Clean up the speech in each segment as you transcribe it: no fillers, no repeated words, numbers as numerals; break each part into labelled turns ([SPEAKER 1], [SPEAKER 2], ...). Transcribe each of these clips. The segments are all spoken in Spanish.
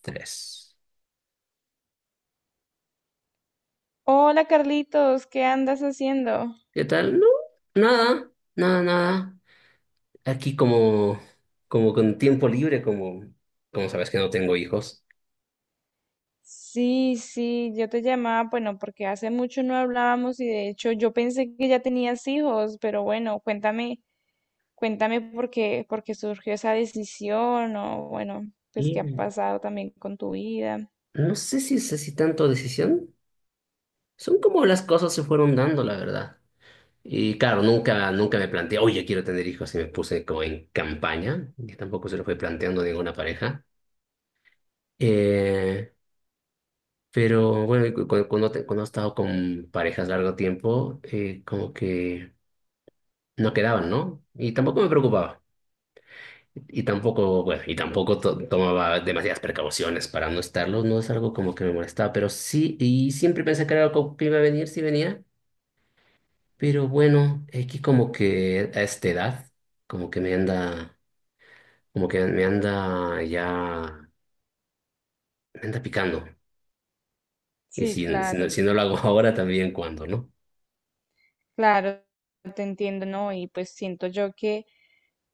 [SPEAKER 1] Tres.
[SPEAKER 2] Hola Carlitos, ¿qué andas haciendo?
[SPEAKER 1] ¿Qué tal? No, nada, nada, nada. Aquí como con tiempo libre, como sabes que no tengo hijos.
[SPEAKER 2] Sí, sí, yo te llamaba, bueno, porque hace mucho no hablábamos y de hecho yo pensé que ya tenías hijos, pero bueno, cuéntame, cuéntame por qué surgió esa decisión o bueno, pues qué ha
[SPEAKER 1] Y
[SPEAKER 2] pasado también con tu vida.
[SPEAKER 1] no sé si es así tanto decisión. Son como las cosas se fueron dando, la verdad. Y claro, nunca me planteé, oye, quiero tener hijos y me puse como en campaña, que tampoco se lo fue planteando a ninguna pareja. Eh, pero bueno, cuando he estado con parejas largo tiempo, como que no quedaban, ¿no? Y tampoco me preocupaba. Y tampoco, bueno, y tampoco tomaba demasiadas precauciones para no estarlo. No es algo como que me molestaba, pero sí, y siempre pensé que era algo que iba a venir, sí venía. Pero bueno, aquí como que a esta edad, como que me anda, como que me anda ya, me anda picando. Y
[SPEAKER 2] Sí,
[SPEAKER 1] si, si no,
[SPEAKER 2] claro,
[SPEAKER 1] si no lo hago ahora, también cuando, ¿no?
[SPEAKER 2] claro, te entiendo, ¿no? Y pues siento yo que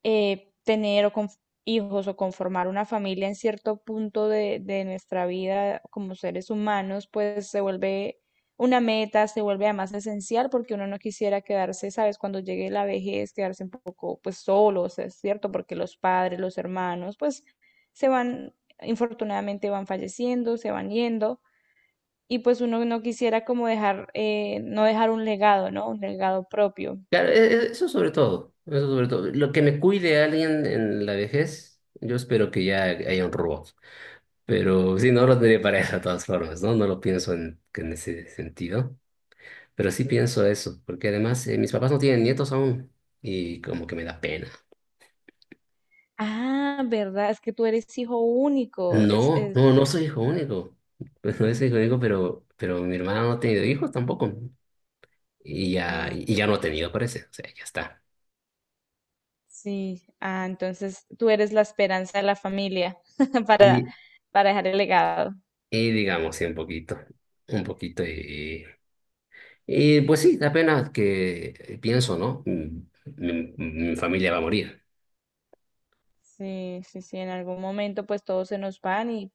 [SPEAKER 2] tener o hijos o conformar una familia en cierto punto de nuestra vida como seres humanos, pues se vuelve una meta, se vuelve además esencial porque uno no quisiera quedarse, ¿sabes? Cuando llegue la vejez, quedarse un poco pues solo, o sea, es cierto, porque los padres, los hermanos, pues se van, infortunadamente van falleciendo, se van yendo. Y pues uno no quisiera como dejar, no dejar un legado, ¿no? Un legado propio.
[SPEAKER 1] Claro, eso sobre todo, eso sobre todo. Lo que me cuide alguien en la vejez, yo espero que ya haya un robot. Pero sí, no lo tendría pareja de todas formas, ¿no? No lo pienso en ese sentido. Pero sí pienso eso, porque además mis papás no tienen nietos aún y como que me da pena.
[SPEAKER 2] Ah, ¿verdad? Es que tú eres hijo único.
[SPEAKER 1] No, no, no soy hijo único. Pues no soy hijo único, pero mi hermana no ha tenido hijos tampoco. Y ya,
[SPEAKER 2] Ah,
[SPEAKER 1] y ya no ha tenido, parece. O sea, ya está.
[SPEAKER 2] sí. Ah, entonces tú eres la esperanza de la familia para,
[SPEAKER 1] Y,
[SPEAKER 2] para dejar el legado.
[SPEAKER 1] y digamos, sí, un poquito, un poquito. Y pues sí, da pena que pienso, ¿no? Mi familia va a morir.
[SPEAKER 2] Sí, sí, sí. En algún momento, pues todos se nos van y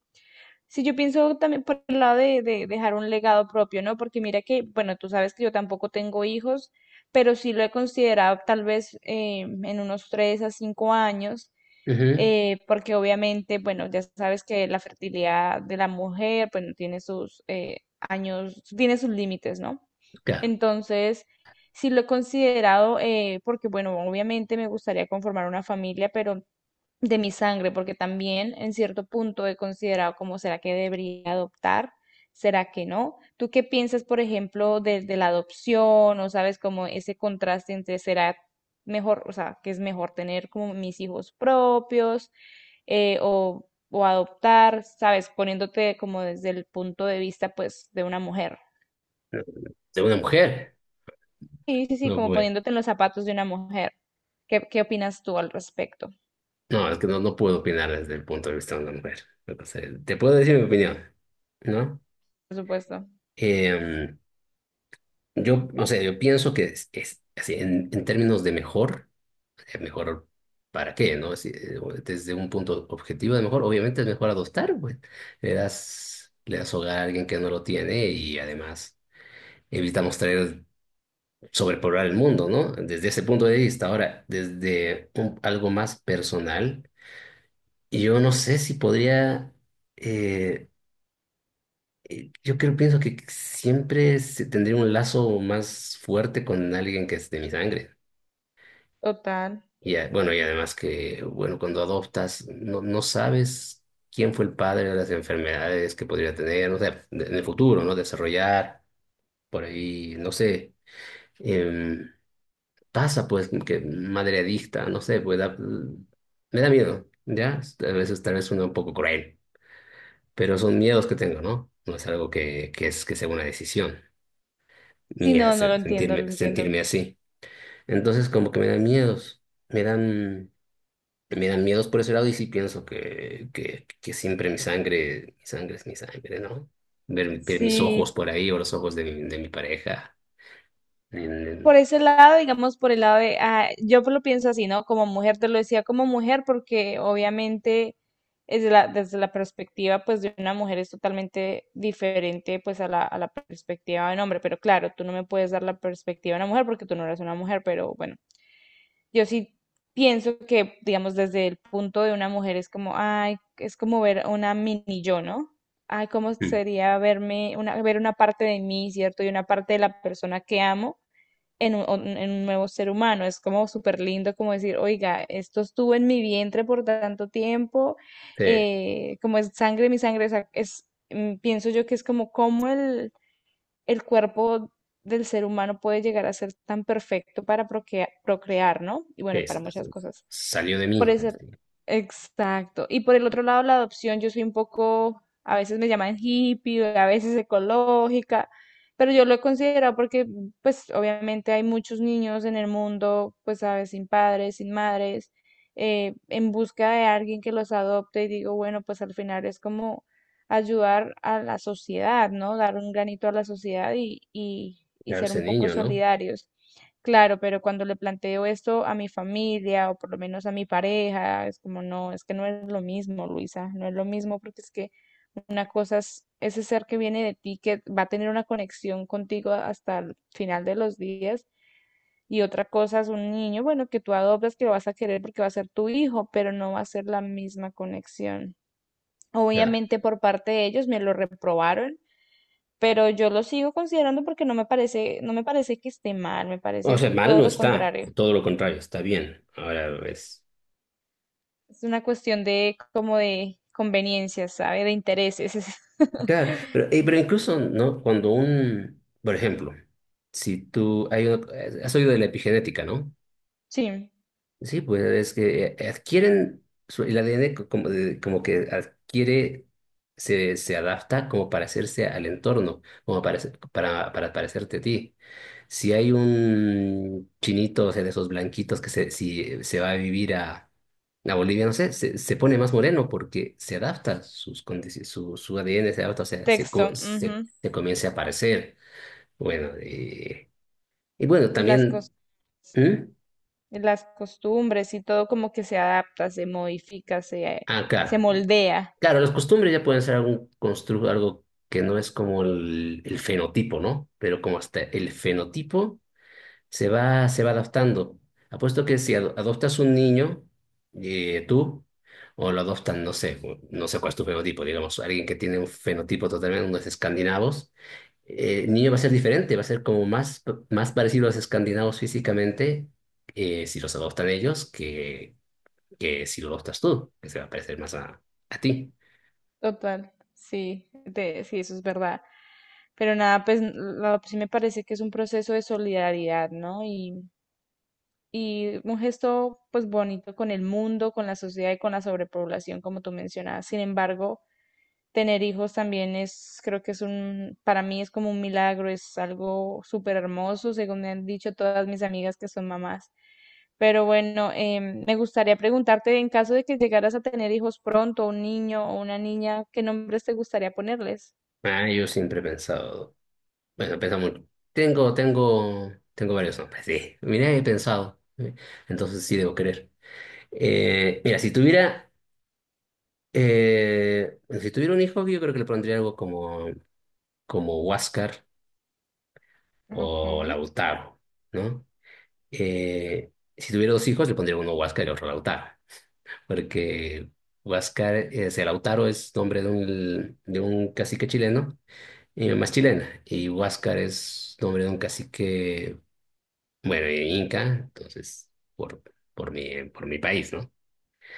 [SPEAKER 2] sí, yo pienso también por el lado de dejar un legado propio, ¿no? Porque mira que, bueno, tú sabes que yo tampoco tengo hijos, pero sí lo he considerado tal vez en unos tres a cinco años,
[SPEAKER 1] Ujú,
[SPEAKER 2] porque obviamente, bueno, ya sabes que la fertilidad de la mujer, bueno, tiene sus años, tiene sus límites, ¿no?
[SPEAKER 1] claro.
[SPEAKER 2] Entonces, sí lo he considerado porque, bueno, obviamente me gustaría conformar una familia, pero de mi sangre, porque también en cierto punto he considerado como será que debería adoptar, será que no. ¿Tú qué piensas, por ejemplo, de la adopción o sabes como ese contraste entre será mejor, o sea, que es mejor tener como mis hijos propios eh, o, o adoptar, sabes, poniéndote como desde el punto de vista pues de una mujer?
[SPEAKER 1] De una mujer.
[SPEAKER 2] Sí, sí, sí,
[SPEAKER 1] No
[SPEAKER 2] como
[SPEAKER 1] puedo.
[SPEAKER 2] poniéndote en los zapatos de una mujer. ¿Qué, qué opinas tú al respecto?
[SPEAKER 1] No, es que no puedo opinar desde el punto de vista de una mujer. O sea, te puedo decir mi opinión, ¿no?
[SPEAKER 2] Por supuesto.
[SPEAKER 1] Em, o sea, yo pienso que es así, en términos de mejor, mejor para qué, ¿no? Si, o desde un punto objetivo de mejor, obviamente es mejor adoptar, pues. Le das hogar a alguien que no lo tiene y además evitamos traer, sobrepoblar el mundo, ¿no? Desde ese punto de vista. Ahora, desde algo más personal. Y yo no sé si podría, eh, yo creo, pienso que siempre tendría un lazo más fuerte con alguien que es de mi sangre.
[SPEAKER 2] Total.
[SPEAKER 1] Y bueno, y además que, bueno, cuando adoptas, no sabes quién fue el padre de las enfermedades que podría tener, no sé, en el futuro, ¿no? Desarrollar, por ahí, no sé, em, pasa pues que madre adicta, no sé, pues me da miedo, ¿ya? A veces tal vez uno un poco cruel. Pero son miedos que tengo, ¿no? No es algo que, es que sea una decisión
[SPEAKER 2] Sí,
[SPEAKER 1] mía
[SPEAKER 2] no, no lo
[SPEAKER 1] se-
[SPEAKER 2] entiendo, lo
[SPEAKER 1] sentirme,
[SPEAKER 2] entiendo.
[SPEAKER 1] sentirme así. Entonces como que me dan miedos, me dan, me dan miedos por ese lado y sí pienso que siempre mi sangre es mi sangre, ¿no? Ver mis
[SPEAKER 2] Sí,
[SPEAKER 1] ojos por ahí o los ojos de mi pareja. en- en-
[SPEAKER 2] por ese lado, digamos, por el lado de, ah, yo lo pienso así, ¿no? Como mujer, te lo decía como mujer, porque obviamente desde la perspectiva, pues, de una mujer es totalmente diferente, pues, a la perspectiva de un hombre. Pero claro, tú no me puedes dar la perspectiva de una mujer porque tú no eres una mujer, pero bueno, yo sí pienso que, digamos, desde el punto de una mujer es como, ay, es como ver a una mini yo, ¿no? Ay, cómo
[SPEAKER 1] Mm.
[SPEAKER 2] sería verme, una, ver una parte de mí, ¿cierto? Y una parte de la persona que amo en un nuevo ser humano. Es como súper lindo como decir, oiga, esto estuvo en mi vientre por tanto tiempo,
[SPEAKER 1] Sí,
[SPEAKER 2] como es sangre, mi sangre, o sea, es, pienso yo que es como cómo el cuerpo del ser humano puede llegar a ser tan perfecto para procrear, procrear, ¿no? Y bueno, y
[SPEAKER 1] es-
[SPEAKER 2] para
[SPEAKER 1] es-
[SPEAKER 2] muchas cosas.
[SPEAKER 1] salió de
[SPEAKER 2] Por
[SPEAKER 1] mí,
[SPEAKER 2] ese, exacto. Y por el otro lado, la adopción, yo soy un poco, a veces me llaman hippie, a veces ecológica, pero yo lo he considerado porque, pues, obviamente hay muchos niños en el mundo, pues, sabes, sin padres, sin madres, en busca de alguien que los adopte y digo, bueno, pues al final es como ayudar a la sociedad, ¿no? Dar un granito a la sociedad y
[SPEAKER 1] claro,
[SPEAKER 2] ser
[SPEAKER 1] ese
[SPEAKER 2] un poco
[SPEAKER 1] niño, ¿no?
[SPEAKER 2] solidarios. Claro, pero cuando le planteo esto a mi familia o por lo menos a mi pareja, es como, no, es que no es lo mismo, Luisa, no es lo mismo porque es que una cosa es ese ser que viene de ti, que va a tener una conexión contigo hasta el final de los días, y otra cosa es un niño, bueno, que tú adoptas, que lo vas a querer porque va a ser tu hijo, pero no va a ser la misma conexión.
[SPEAKER 1] Ya.
[SPEAKER 2] Obviamente por parte de ellos me lo reprobaron. Pero yo lo sigo considerando porque no me parece, no me parece que esté mal, me
[SPEAKER 1] O
[SPEAKER 2] parece
[SPEAKER 1] sea, mal
[SPEAKER 2] todo
[SPEAKER 1] no
[SPEAKER 2] lo
[SPEAKER 1] está,
[SPEAKER 2] contrario.
[SPEAKER 1] todo lo contrario, está bien. Ahora es
[SPEAKER 2] Es una cuestión de como de conveniencias, ¿sabe? De intereses.
[SPEAKER 1] Claro, pero incluso, ¿no? Cuando por ejemplo, si tú, hay, has oído de la epigenética, ¿no?
[SPEAKER 2] Sí,
[SPEAKER 1] Sí, pues es que adquieren, el ADN como, como que adquiere, se adapta como para hacerse al entorno, como para, para parecerte a ti. Si hay un chinito, o sea, de esos blanquitos si se va a vivir a, Bolivia, no sé, se pone más moreno porque se adapta, sus su ADN se adapta, o sea, se, co-
[SPEAKER 2] texto.
[SPEAKER 1] se,
[SPEAKER 2] Ujú,
[SPEAKER 1] se comienza a parecer. Bueno, y bueno,
[SPEAKER 2] Y las
[SPEAKER 1] también...
[SPEAKER 2] cos-
[SPEAKER 1] ¿Mm?
[SPEAKER 2] y las costumbres y todo como que se adapta, se modifica,
[SPEAKER 1] Ah,
[SPEAKER 2] se
[SPEAKER 1] claro.
[SPEAKER 2] moldea.
[SPEAKER 1] Claro, las costumbres ya pueden ser algún algo que no es como el fenotipo, ¿no? Pero como hasta el fenotipo se va adaptando. Apuesto que si adoptas un niño, tú, o lo adoptan, no sé cuál es tu fenotipo, digamos, alguien que tiene un fenotipo totalmente, unos escandinavos, el niño va a ser diferente, va a ser como más, más parecido a los escandinavos físicamente, si los adoptan ellos, que si lo adoptas tú, que se va a parecer más a ti.
[SPEAKER 2] Total, sí, sí, eso es verdad. Pero nada, sí me parece que es un proceso de solidaridad, ¿no? Y un gesto pues bonito con el mundo, con la sociedad y con la sobrepoblación, como tú mencionabas. Sin embargo, tener hijos también es, creo que es un, para mí es como un milagro, es algo súper hermoso, según me han dicho todas mis amigas que son mamás. Pero bueno, me gustaría preguntarte, en caso de que llegaras a tener hijos pronto, un niño o una niña, ¿qué nombres te gustaría ponerles?
[SPEAKER 1] Ah, yo siempre he pensado, bueno, he pensado mucho. Tengo varios nombres, sí. Mira, he pensado. ¿Eh? Entonces sí debo querer. Mira, si tuviera un hijo, yo creo que le pondría algo como Huáscar o
[SPEAKER 2] Okay.
[SPEAKER 1] Lautaro, ¿no? Eh, si tuviera dos hijos, le pondría uno Huáscar y otro Lautaro, porque Huáscar, o sea, Lautaro es nombre de un cacique chileno. Mi mamá es chilena y Huáscar es nombre de un cacique, bueno, inca, entonces, por, por mi país, ¿no?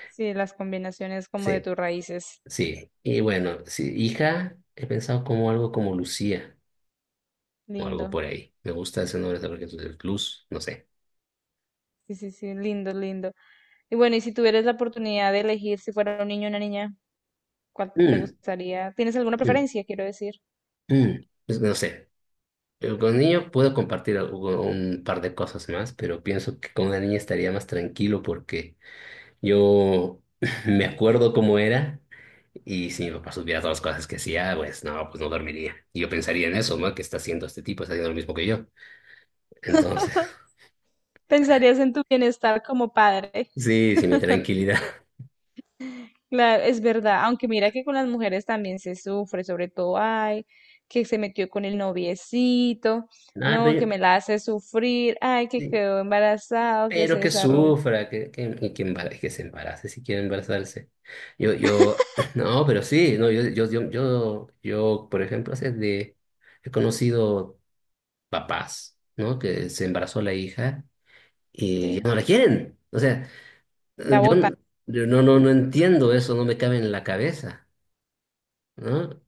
[SPEAKER 2] Sí, las combinaciones como de
[SPEAKER 1] Sí,
[SPEAKER 2] tus raíces.
[SPEAKER 1] sí. Y bueno, sí, hija, he pensado como algo como Lucía o algo
[SPEAKER 2] Lindo.
[SPEAKER 1] por ahí. Me gusta ese nombre también, que entonces Luz, no sé.
[SPEAKER 2] Sí, sí, sí, lindo, lindo. Y bueno, y si tuvieras la oportunidad de elegir si fuera un niño o una niña, ¿cuál te
[SPEAKER 1] Mm,
[SPEAKER 2] gustaría? ¿Tienes alguna
[SPEAKER 1] mm,
[SPEAKER 2] preferencia, quiero decir?
[SPEAKER 1] mm, pues, no sé. Pero con niño puedo compartir un par de cosas más, pero pienso que con una niña estaría más tranquilo porque yo me acuerdo cómo era y si mi papá supiera todas las cosas que hacía, pues no dormiría. Y yo pensaría en eso, ¿no? ¿Qué está haciendo este tipo? Está haciendo lo mismo que yo. Entonces,
[SPEAKER 2] Pensarías en tu bienestar como padre.
[SPEAKER 1] sí, sí, mi tranquilidad.
[SPEAKER 2] Claro, es verdad, aunque mira que con las mujeres también se sufre, sobre todo, ay, que se metió con el noviecito,
[SPEAKER 1] Nada,
[SPEAKER 2] no,
[SPEAKER 1] pero,
[SPEAKER 2] que me la hace sufrir, ay, que
[SPEAKER 1] sí,
[SPEAKER 2] quedó embarazado, que
[SPEAKER 1] pero
[SPEAKER 2] se
[SPEAKER 1] que
[SPEAKER 2] desarrolló,
[SPEAKER 1] sufra, que se embarace si quiere embarazarse. No, pero sí, no, yo, por ejemplo, he conocido papás, ¿no? Que se embarazó la hija y ya
[SPEAKER 2] sí,
[SPEAKER 1] no la quieren. O sea,
[SPEAKER 2] la
[SPEAKER 1] Yo,
[SPEAKER 2] bota.
[SPEAKER 1] n- yo no entiendo eso, no me cabe en la cabeza, ¿no?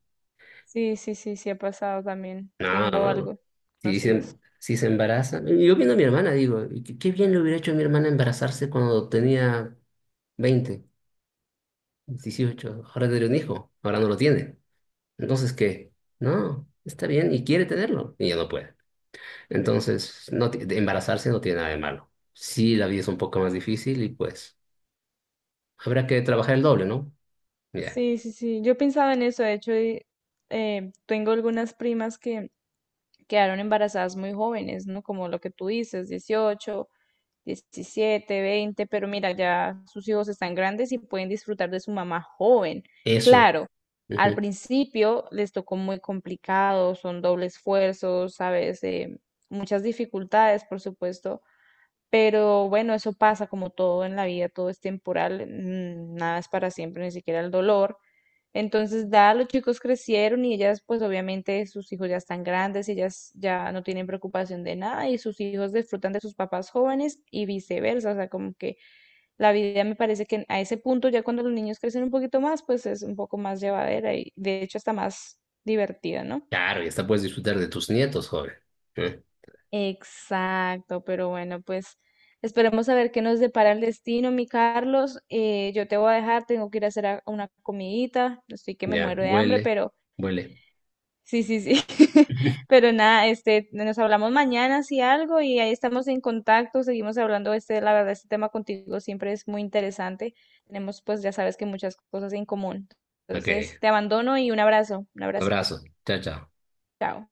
[SPEAKER 2] Sí, sí, sí, sí ha pasado también.
[SPEAKER 1] No,
[SPEAKER 2] Tengo
[SPEAKER 1] no, no.
[SPEAKER 2] algo
[SPEAKER 1] Si se,
[SPEAKER 2] conocidos.
[SPEAKER 1] si se embaraza. Yo viendo a mi hermana, digo, y qué bien le hubiera hecho a mi hermana embarazarse cuando tenía 20, 18. Ahora tiene un hijo, ahora no lo tiene. Entonces, ¿qué? No, está bien y quiere tenerlo, y ya no puede. Entonces, no, de embarazarse no tiene nada de malo. Sí, la vida es un poco más difícil y pues habrá que trabajar el doble, ¿no? Ya,
[SPEAKER 2] Sí, sí, sí. Yo pensaba en eso. De hecho, y, tengo algunas primas que quedaron embarazadas muy jóvenes, ¿no? Como lo que tú dices, 18, 17, 20 pero mira, ya sus hijos están grandes y pueden disfrutar de su mamá joven.
[SPEAKER 1] eso.
[SPEAKER 2] Claro, al principio les tocó muy complicado, son doble esfuerzo, sabes, muchas dificultades, por supuesto, pero bueno, eso pasa como todo en la vida, todo es temporal, nada es para siempre, ni siquiera el dolor. Entonces, da, los chicos crecieron y ellas, pues obviamente sus hijos ya están grandes, ellas ya no tienen preocupación de nada y sus hijos disfrutan de sus papás jóvenes y viceversa. O sea, como que la vida me parece que a ese punto, ya cuando los niños crecen un poquito más, pues es un poco más llevadera y de hecho hasta más divertida, ¿no?
[SPEAKER 1] Claro, y hasta puedes disfrutar de tus nietos, joven. ¿Eh?
[SPEAKER 2] Exacto, pero bueno, pues esperemos a ver qué nos depara el destino, mi Carlos. Yo te voy a dejar, tengo que ir a hacer una comidita, estoy que me
[SPEAKER 1] Ya,
[SPEAKER 2] muero de hambre,
[SPEAKER 1] vuele,
[SPEAKER 2] pero
[SPEAKER 1] vuele.
[SPEAKER 2] sí, sí, sí. Pero nada, este, nos hablamos mañana si algo y ahí estamos en contacto, seguimos hablando. Este, la verdad, este tema contigo siempre es muy interesante. Tenemos, pues ya sabes que muchas cosas en común.
[SPEAKER 1] Ok,
[SPEAKER 2] Entonces, te abandono y un abrazo, un abracito.
[SPEAKER 1] abrazo. Chao, chao.
[SPEAKER 2] Chao.